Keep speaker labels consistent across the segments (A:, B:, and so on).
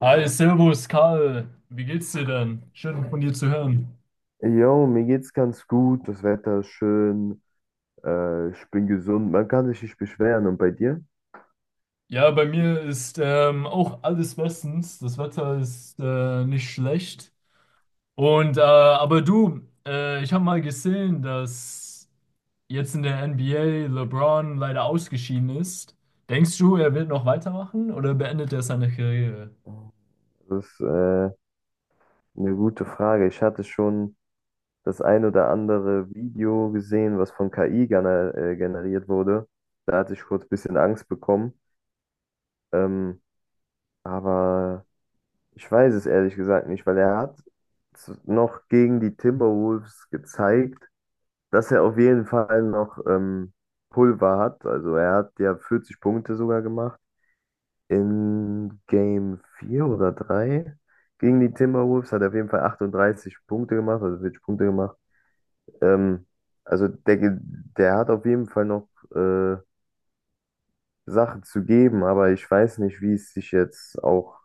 A: Hi, Servus, Karl. Wie geht's dir denn? Schön von dir zu hören.
B: Jo, mir geht's ganz gut, das Wetter ist schön, ich bin gesund, man kann sich nicht beschweren. Und bei dir?
A: Ja, bei mir ist auch alles bestens. Das Wetter ist nicht schlecht. Und äh, aber du, Ich habe mal gesehen, dass jetzt in der NBA LeBron leider ausgeschieden ist. Denkst du, er wird noch weitermachen oder beendet er seine Karriere?
B: Das ist eine gute Frage. Ich hatte schon das ein oder andere Video gesehen, was von KI generiert wurde. Da hatte ich kurz ein bisschen Angst bekommen. Ähm, aber ich weiß es ehrlich gesagt nicht, weil er hat noch gegen die Timberwolves gezeigt, dass er auf jeden Fall noch Pulver hat. Also er hat ja 40 Punkte sogar gemacht. In Game 4 oder 3 gegen die Timberwolves hat er auf jeden Fall 38 Punkte gemacht, also 40 Punkte gemacht. Ähm, also der, ge- Der hat auf jeden Fall noch äh, Sachen zu geben, aber ich weiß nicht, wie es sich jetzt auch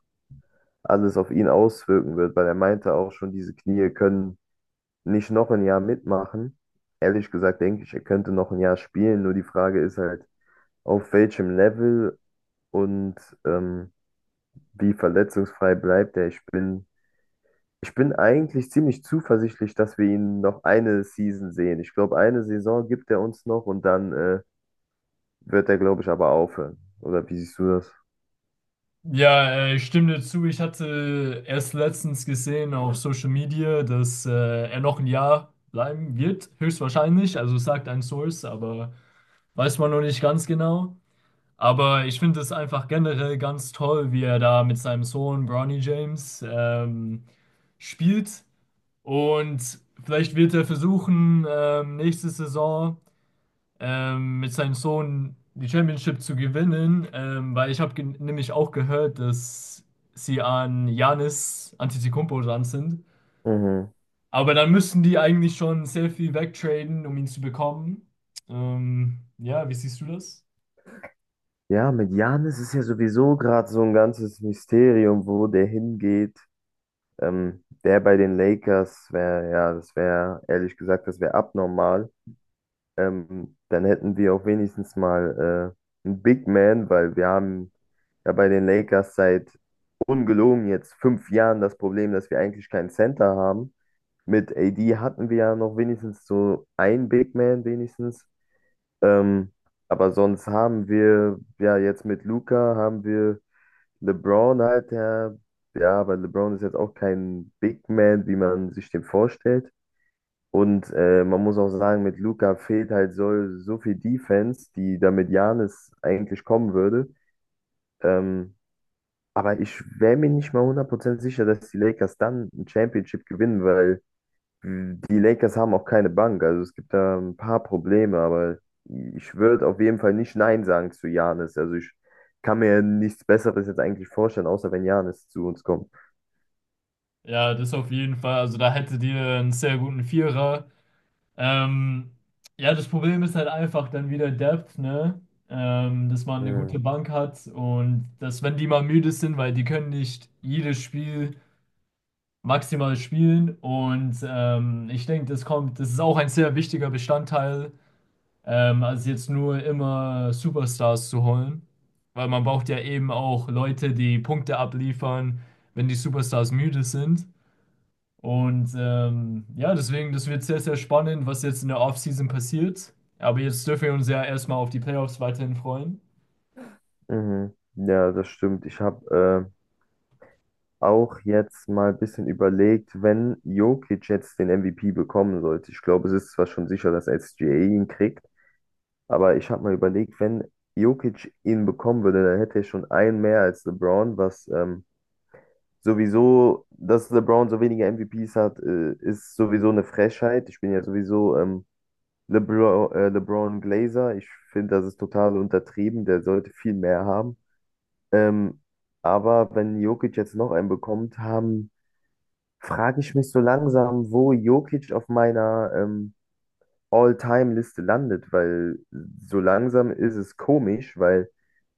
B: alles auf ihn auswirken wird, weil er meinte auch schon, diese Knie können nicht noch ein Jahr mitmachen. Ehrlich gesagt denke ich, er könnte noch ein Jahr spielen, nur die Frage ist halt, auf welchem Level und ähm, wie verletzungsfrei bleibt er. Ich bin eigentlich ziemlich zuversichtlich, dass wir ihn noch eine Season sehen. Ich glaube, eine Saison gibt er uns noch und dann wird er, glaube ich, aber aufhören. Oder wie siehst du das?
A: Ja, ich stimme dir zu. Ich hatte erst letztens gesehen auf Social Media, dass er noch ein Jahr bleiben wird, höchstwahrscheinlich. Also es sagt ein Source, aber weiß man noch nicht ganz genau. Aber ich finde es einfach generell ganz toll, wie er da mit seinem Sohn Bronny James spielt. Und vielleicht wird er versuchen, nächste Saison mit seinem Sohn die Championship zu gewinnen, weil ich habe nämlich auch gehört, dass sie an Giannis Antetokounmpo dran sind.
B: Mhm.
A: Aber dann müssten die eigentlich schon sehr viel wegtraden, um ihn zu bekommen. Ja, wie siehst du das?
B: Ja, mit Janis ist ja sowieso gerade so ein ganzes Mysterium, wo der hingeht. Der bei den Lakers wäre, ja, das wäre, ehrlich gesagt, das wäre abnormal. Dann hätten wir auch wenigstens mal einen Big Man, weil wir haben ja bei den Lakers seit ungelogen jetzt 5 Jahren das Problem, dass wir eigentlich keinen Center haben. Mit AD hatten wir ja noch wenigstens so einen Big Man, wenigstens. Ähm, aber sonst haben wir, ja, jetzt mit Luka haben wir LeBron halt, der, ja, aber LeBron ist jetzt auch kein Big Man, wie man sich den vorstellt. Und man muss auch sagen, mit Luka fehlt halt so viel Defense, die da mit Giannis eigentlich kommen würde. Ähm, aber ich wäre mir nicht mal 100% sicher, dass die Lakers dann ein Championship gewinnen, weil die Lakers haben auch keine Bank, also es gibt da ein paar Probleme, aber ich würde auf jeden Fall nicht Nein sagen zu Giannis. Also ich kann mir nichts Besseres jetzt eigentlich vorstellen, außer wenn Giannis zu uns kommt.
A: Ja, das auf jeden Fall. Also da hättet ihr einen sehr guten Vierer. Ähm, ja, das Problem ist halt einfach dann wieder Depth, ne? Dass man eine gute
B: Mhm.
A: Bank hat und dass, wenn die mal müde sind, weil die können nicht jedes Spiel maximal spielen. Und ich denke, das kommt, das ist auch ein sehr wichtiger Bestandteil, als jetzt nur immer Superstars zu holen. Weil man braucht ja eben auch Leute, die Punkte abliefern, wenn die Superstars müde sind. Und ja, deswegen, das wird sehr, sehr spannend, was jetzt in der Offseason passiert. Aber jetzt dürfen wir uns ja erstmal auf die Playoffs weiterhin freuen.
B: Mhm. Ja, das stimmt. Ich habe auch jetzt mal ein bisschen überlegt, wenn Jokic jetzt den MVP bekommen sollte. Ich glaube, es ist zwar schon sicher, dass SGA ihn kriegt, aber ich habe mal überlegt, wenn Jokic ihn bekommen würde, dann hätte er schon einen mehr als LeBron, was sowieso, dass LeBron so wenige MVPs hat, ist sowieso eine Frechheit. Ich bin ja sowieso LeBron Glazer. Ich finde, das ist total untertrieben. Der sollte viel mehr haben. Ähm, aber wenn Jokic jetzt noch einen bekommt, frage ich mich so langsam, wo Jokic auf meiner All-Time-Liste landet, weil so langsam ist es komisch, weil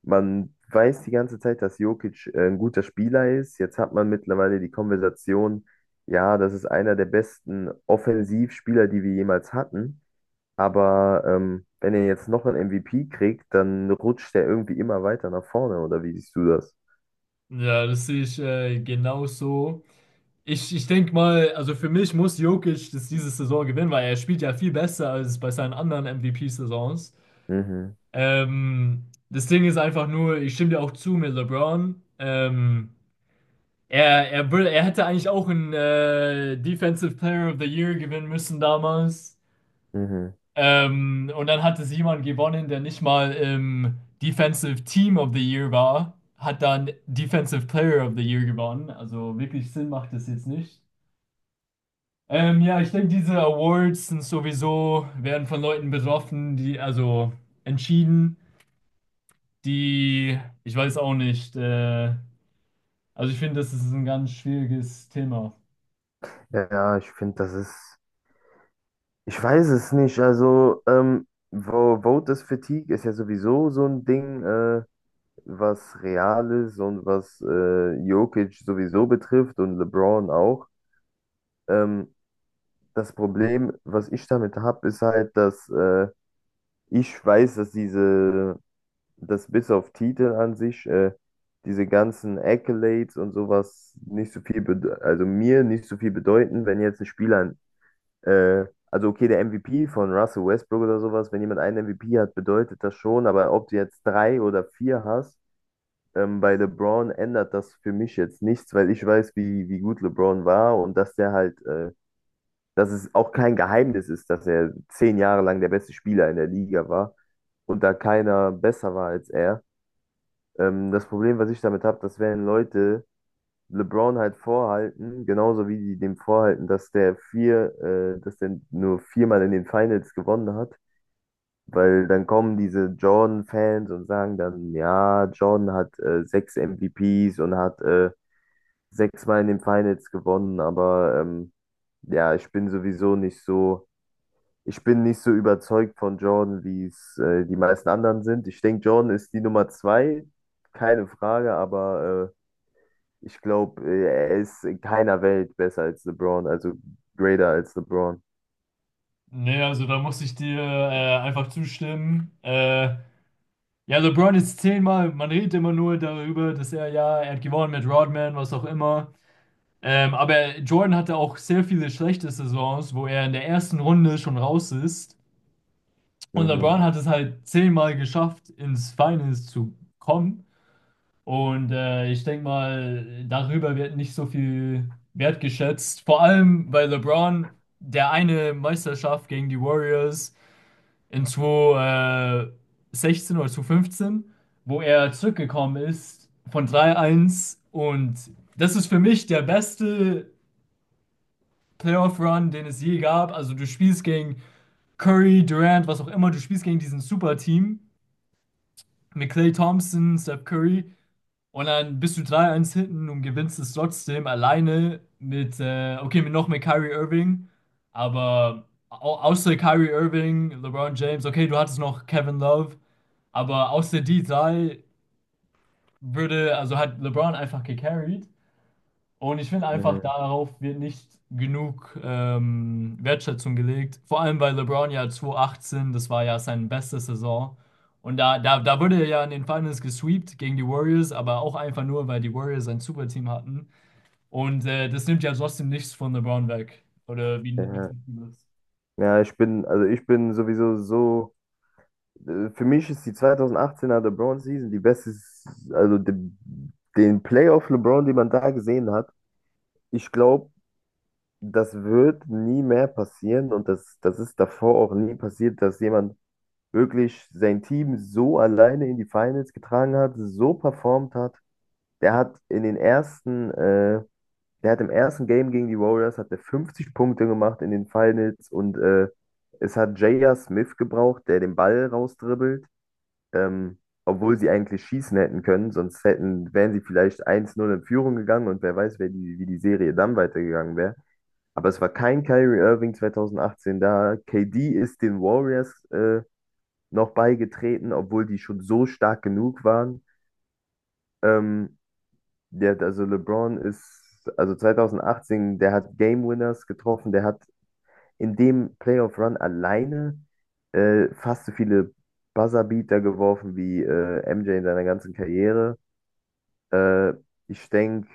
B: man weiß die ganze Zeit, dass Jokic ein guter Spieler ist. Jetzt hat man mittlerweile die Konversation, ja, das ist einer der besten Offensivspieler, die wir jemals hatten. Aber wenn er jetzt noch einen MVP kriegt, dann rutscht er irgendwie immer weiter nach vorne, oder wie siehst du das?
A: Ja, das sehe ich genauso. Ich denke mal, also für mich muss Jokic das diese Saison gewinnen, weil er spielt ja viel besser als bei seinen anderen MVP-Saisons.
B: Mhm,
A: Das Ding ist einfach nur, ich stimme dir auch zu mit LeBron. Er hätte eigentlich auch einen Defensive Player of the Year gewinnen müssen damals.
B: mhm.
A: Und dann hat es jemand gewonnen, der nicht mal im Defensive Team of the Year war, hat dann Defensive Player of the Year gewonnen. Also wirklich Sinn macht das jetzt nicht. Ja, ich denke, diese Awards sind sowieso, werden von Leuten betroffen, die, also entschieden, die, ich weiß auch nicht, also ich finde, das ist ein ganz schwieriges Thema.
B: Ja, ich finde, das ist. Ich weiß es nicht. Also, Voters Fatigue ist ja sowieso so ein Ding, was real ist und was Jokic sowieso betrifft und LeBron auch. Ähm, Das Problem, was ich damit habe, ist halt, dass ich weiß, dass bis auf Titel an sich, diese ganzen Accolades und sowas nicht so also mir nicht so viel bedeuten, wenn jetzt ein Spieler Äh, also okay, der MVP von Russell Westbrook oder sowas, wenn jemand einen MVP hat, bedeutet das schon, aber ob du jetzt drei oder vier hast, bei LeBron ändert das für mich jetzt nichts, weil ich wie gut LeBron war und dass der halt, dass es auch kein Geheimnis ist, dass er 10 Jahre lang der beste Spieler in der Liga war und da keiner besser war als er. Das Problem, was ich damit habe, dass wenn Leute LeBron halt vorhalten, genauso wie die dem vorhalten, dass dass der nur viermal in den Finals gewonnen hat, weil dann kommen diese Jordan-Fans und sagen dann, ja, Jordan hat sechs MVPs und hat sechsmal in den Finals gewonnen, aber ja, ich bin nicht so überzeugt von Jordan, wie es die meisten anderen sind. Ich denke, Jordan ist die Nummer zwei, keine Frage, aber ich glaube, er ist in keiner Welt besser als LeBron, also greater als LeBron.
A: Nee, also da muss ich dir einfach zustimmen. Ja, LeBron ist zehnmal, man redet immer nur darüber, dass er, ja, er hat gewonnen mit Rodman, was auch immer. Aber Jordan hatte auch sehr viele schlechte Saisons, wo er in der ersten Runde schon raus ist. Und
B: Mhm,
A: LeBron hat es halt zehnmal geschafft, ins Finals zu kommen. Und ich denke mal, darüber wird nicht so viel wertgeschätzt. Vor allem, weil LeBron der eine Meisterschaft gegen die Warriors in 2016 oder 2015, wo er zurückgekommen ist von 3-1. Und das ist für mich der beste Playoff-Run, den es je gab. Also du spielst gegen Curry, Durant, was auch immer, du spielst gegen diesen Super-Team mit Klay Thompson, Steph Curry und dann bist du drei eins hinten und gewinnst es trotzdem alleine mit, okay, mit noch mit Kyrie Irving, aber au außer Kyrie Irving, LeBron James, okay, du hattest noch Kevin Love, aber außer die drei würde, also hat LeBron einfach gecarried und ich finde einfach,
B: mhm,
A: darauf wird nicht genug Wertschätzung gelegt. Vor allem bei LeBron ja 2018, das war ja seine beste Saison. Und da wurde er ja in den Finals gesweept gegen die Warriors, aber auch einfach nur, weil die Warriors ein super Team hatten. Und das nimmt ja trotzdem nichts von LeBron weg. Oder
B: ja.
A: wie siehst du das?
B: Ich bin sowieso so, für mich ist die 2018er LeBron Season die beste, also de, den Playoff LeBron, den man da gesehen hat. Ich glaube, das wird nie mehr passieren und das ist davor auch nie passiert, dass jemand wirklich sein Team so alleine in die Finals getragen hat, so performt hat. Der hat in den ersten äh, Der hat im ersten Game gegen die Warriors hat der 50 Punkte gemacht in den Finals und es hat J.R. Smith gebraucht, der den Ball rausdribbelt, ähm, obwohl sie eigentlich schießen hätten können, sonst hätten, wären sie vielleicht 1-0 in Führung gegangen und wer weiß, wie die Serie dann weitergegangen wäre. Aber es war kein Kyrie Irving 2018 da. KD ist den Warriors noch beigetreten, obwohl die schon so stark genug waren. Ähm, der, hat- also LeBron ist, also 2018, der hat Game Winners getroffen, der hat in dem Playoff Run alleine fast so viele Buzzer-Beater geworfen wie MJ in seiner ganzen Karriere. Äh, ich denke,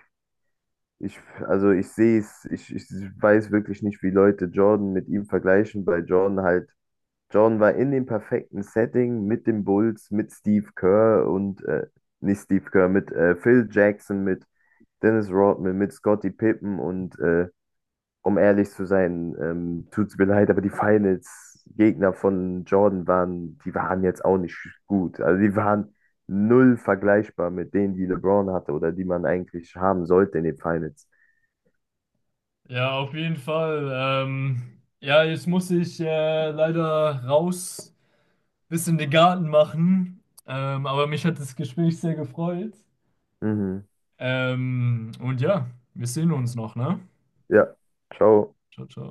B: ich, also ich sehe ich weiß wirklich nicht, wie Leute Jordan mit ihm vergleichen, weil Jordan war in dem perfekten Setting mit den Bulls, mit Steve Kerr und nicht Steve Kerr, mit Phil Jackson, mit Dennis Rodman, mit Scottie Pippen und um ehrlich zu sein, tut's mir leid, aber die Finals-Gegner von Jordan waren, die waren jetzt auch nicht gut. Also die waren null vergleichbar mit denen, die LeBron hatte oder die man eigentlich haben sollte in den Finals.
A: Ja, auf jeden Fall. Ja, jetzt muss ich leider raus, bisschen den Garten machen. Aber mich hat das Gespräch sehr gefreut.
B: Mhm.
A: Und ja, wir sehen uns noch, ne?
B: Ja, ciao.
A: Ciao, ciao.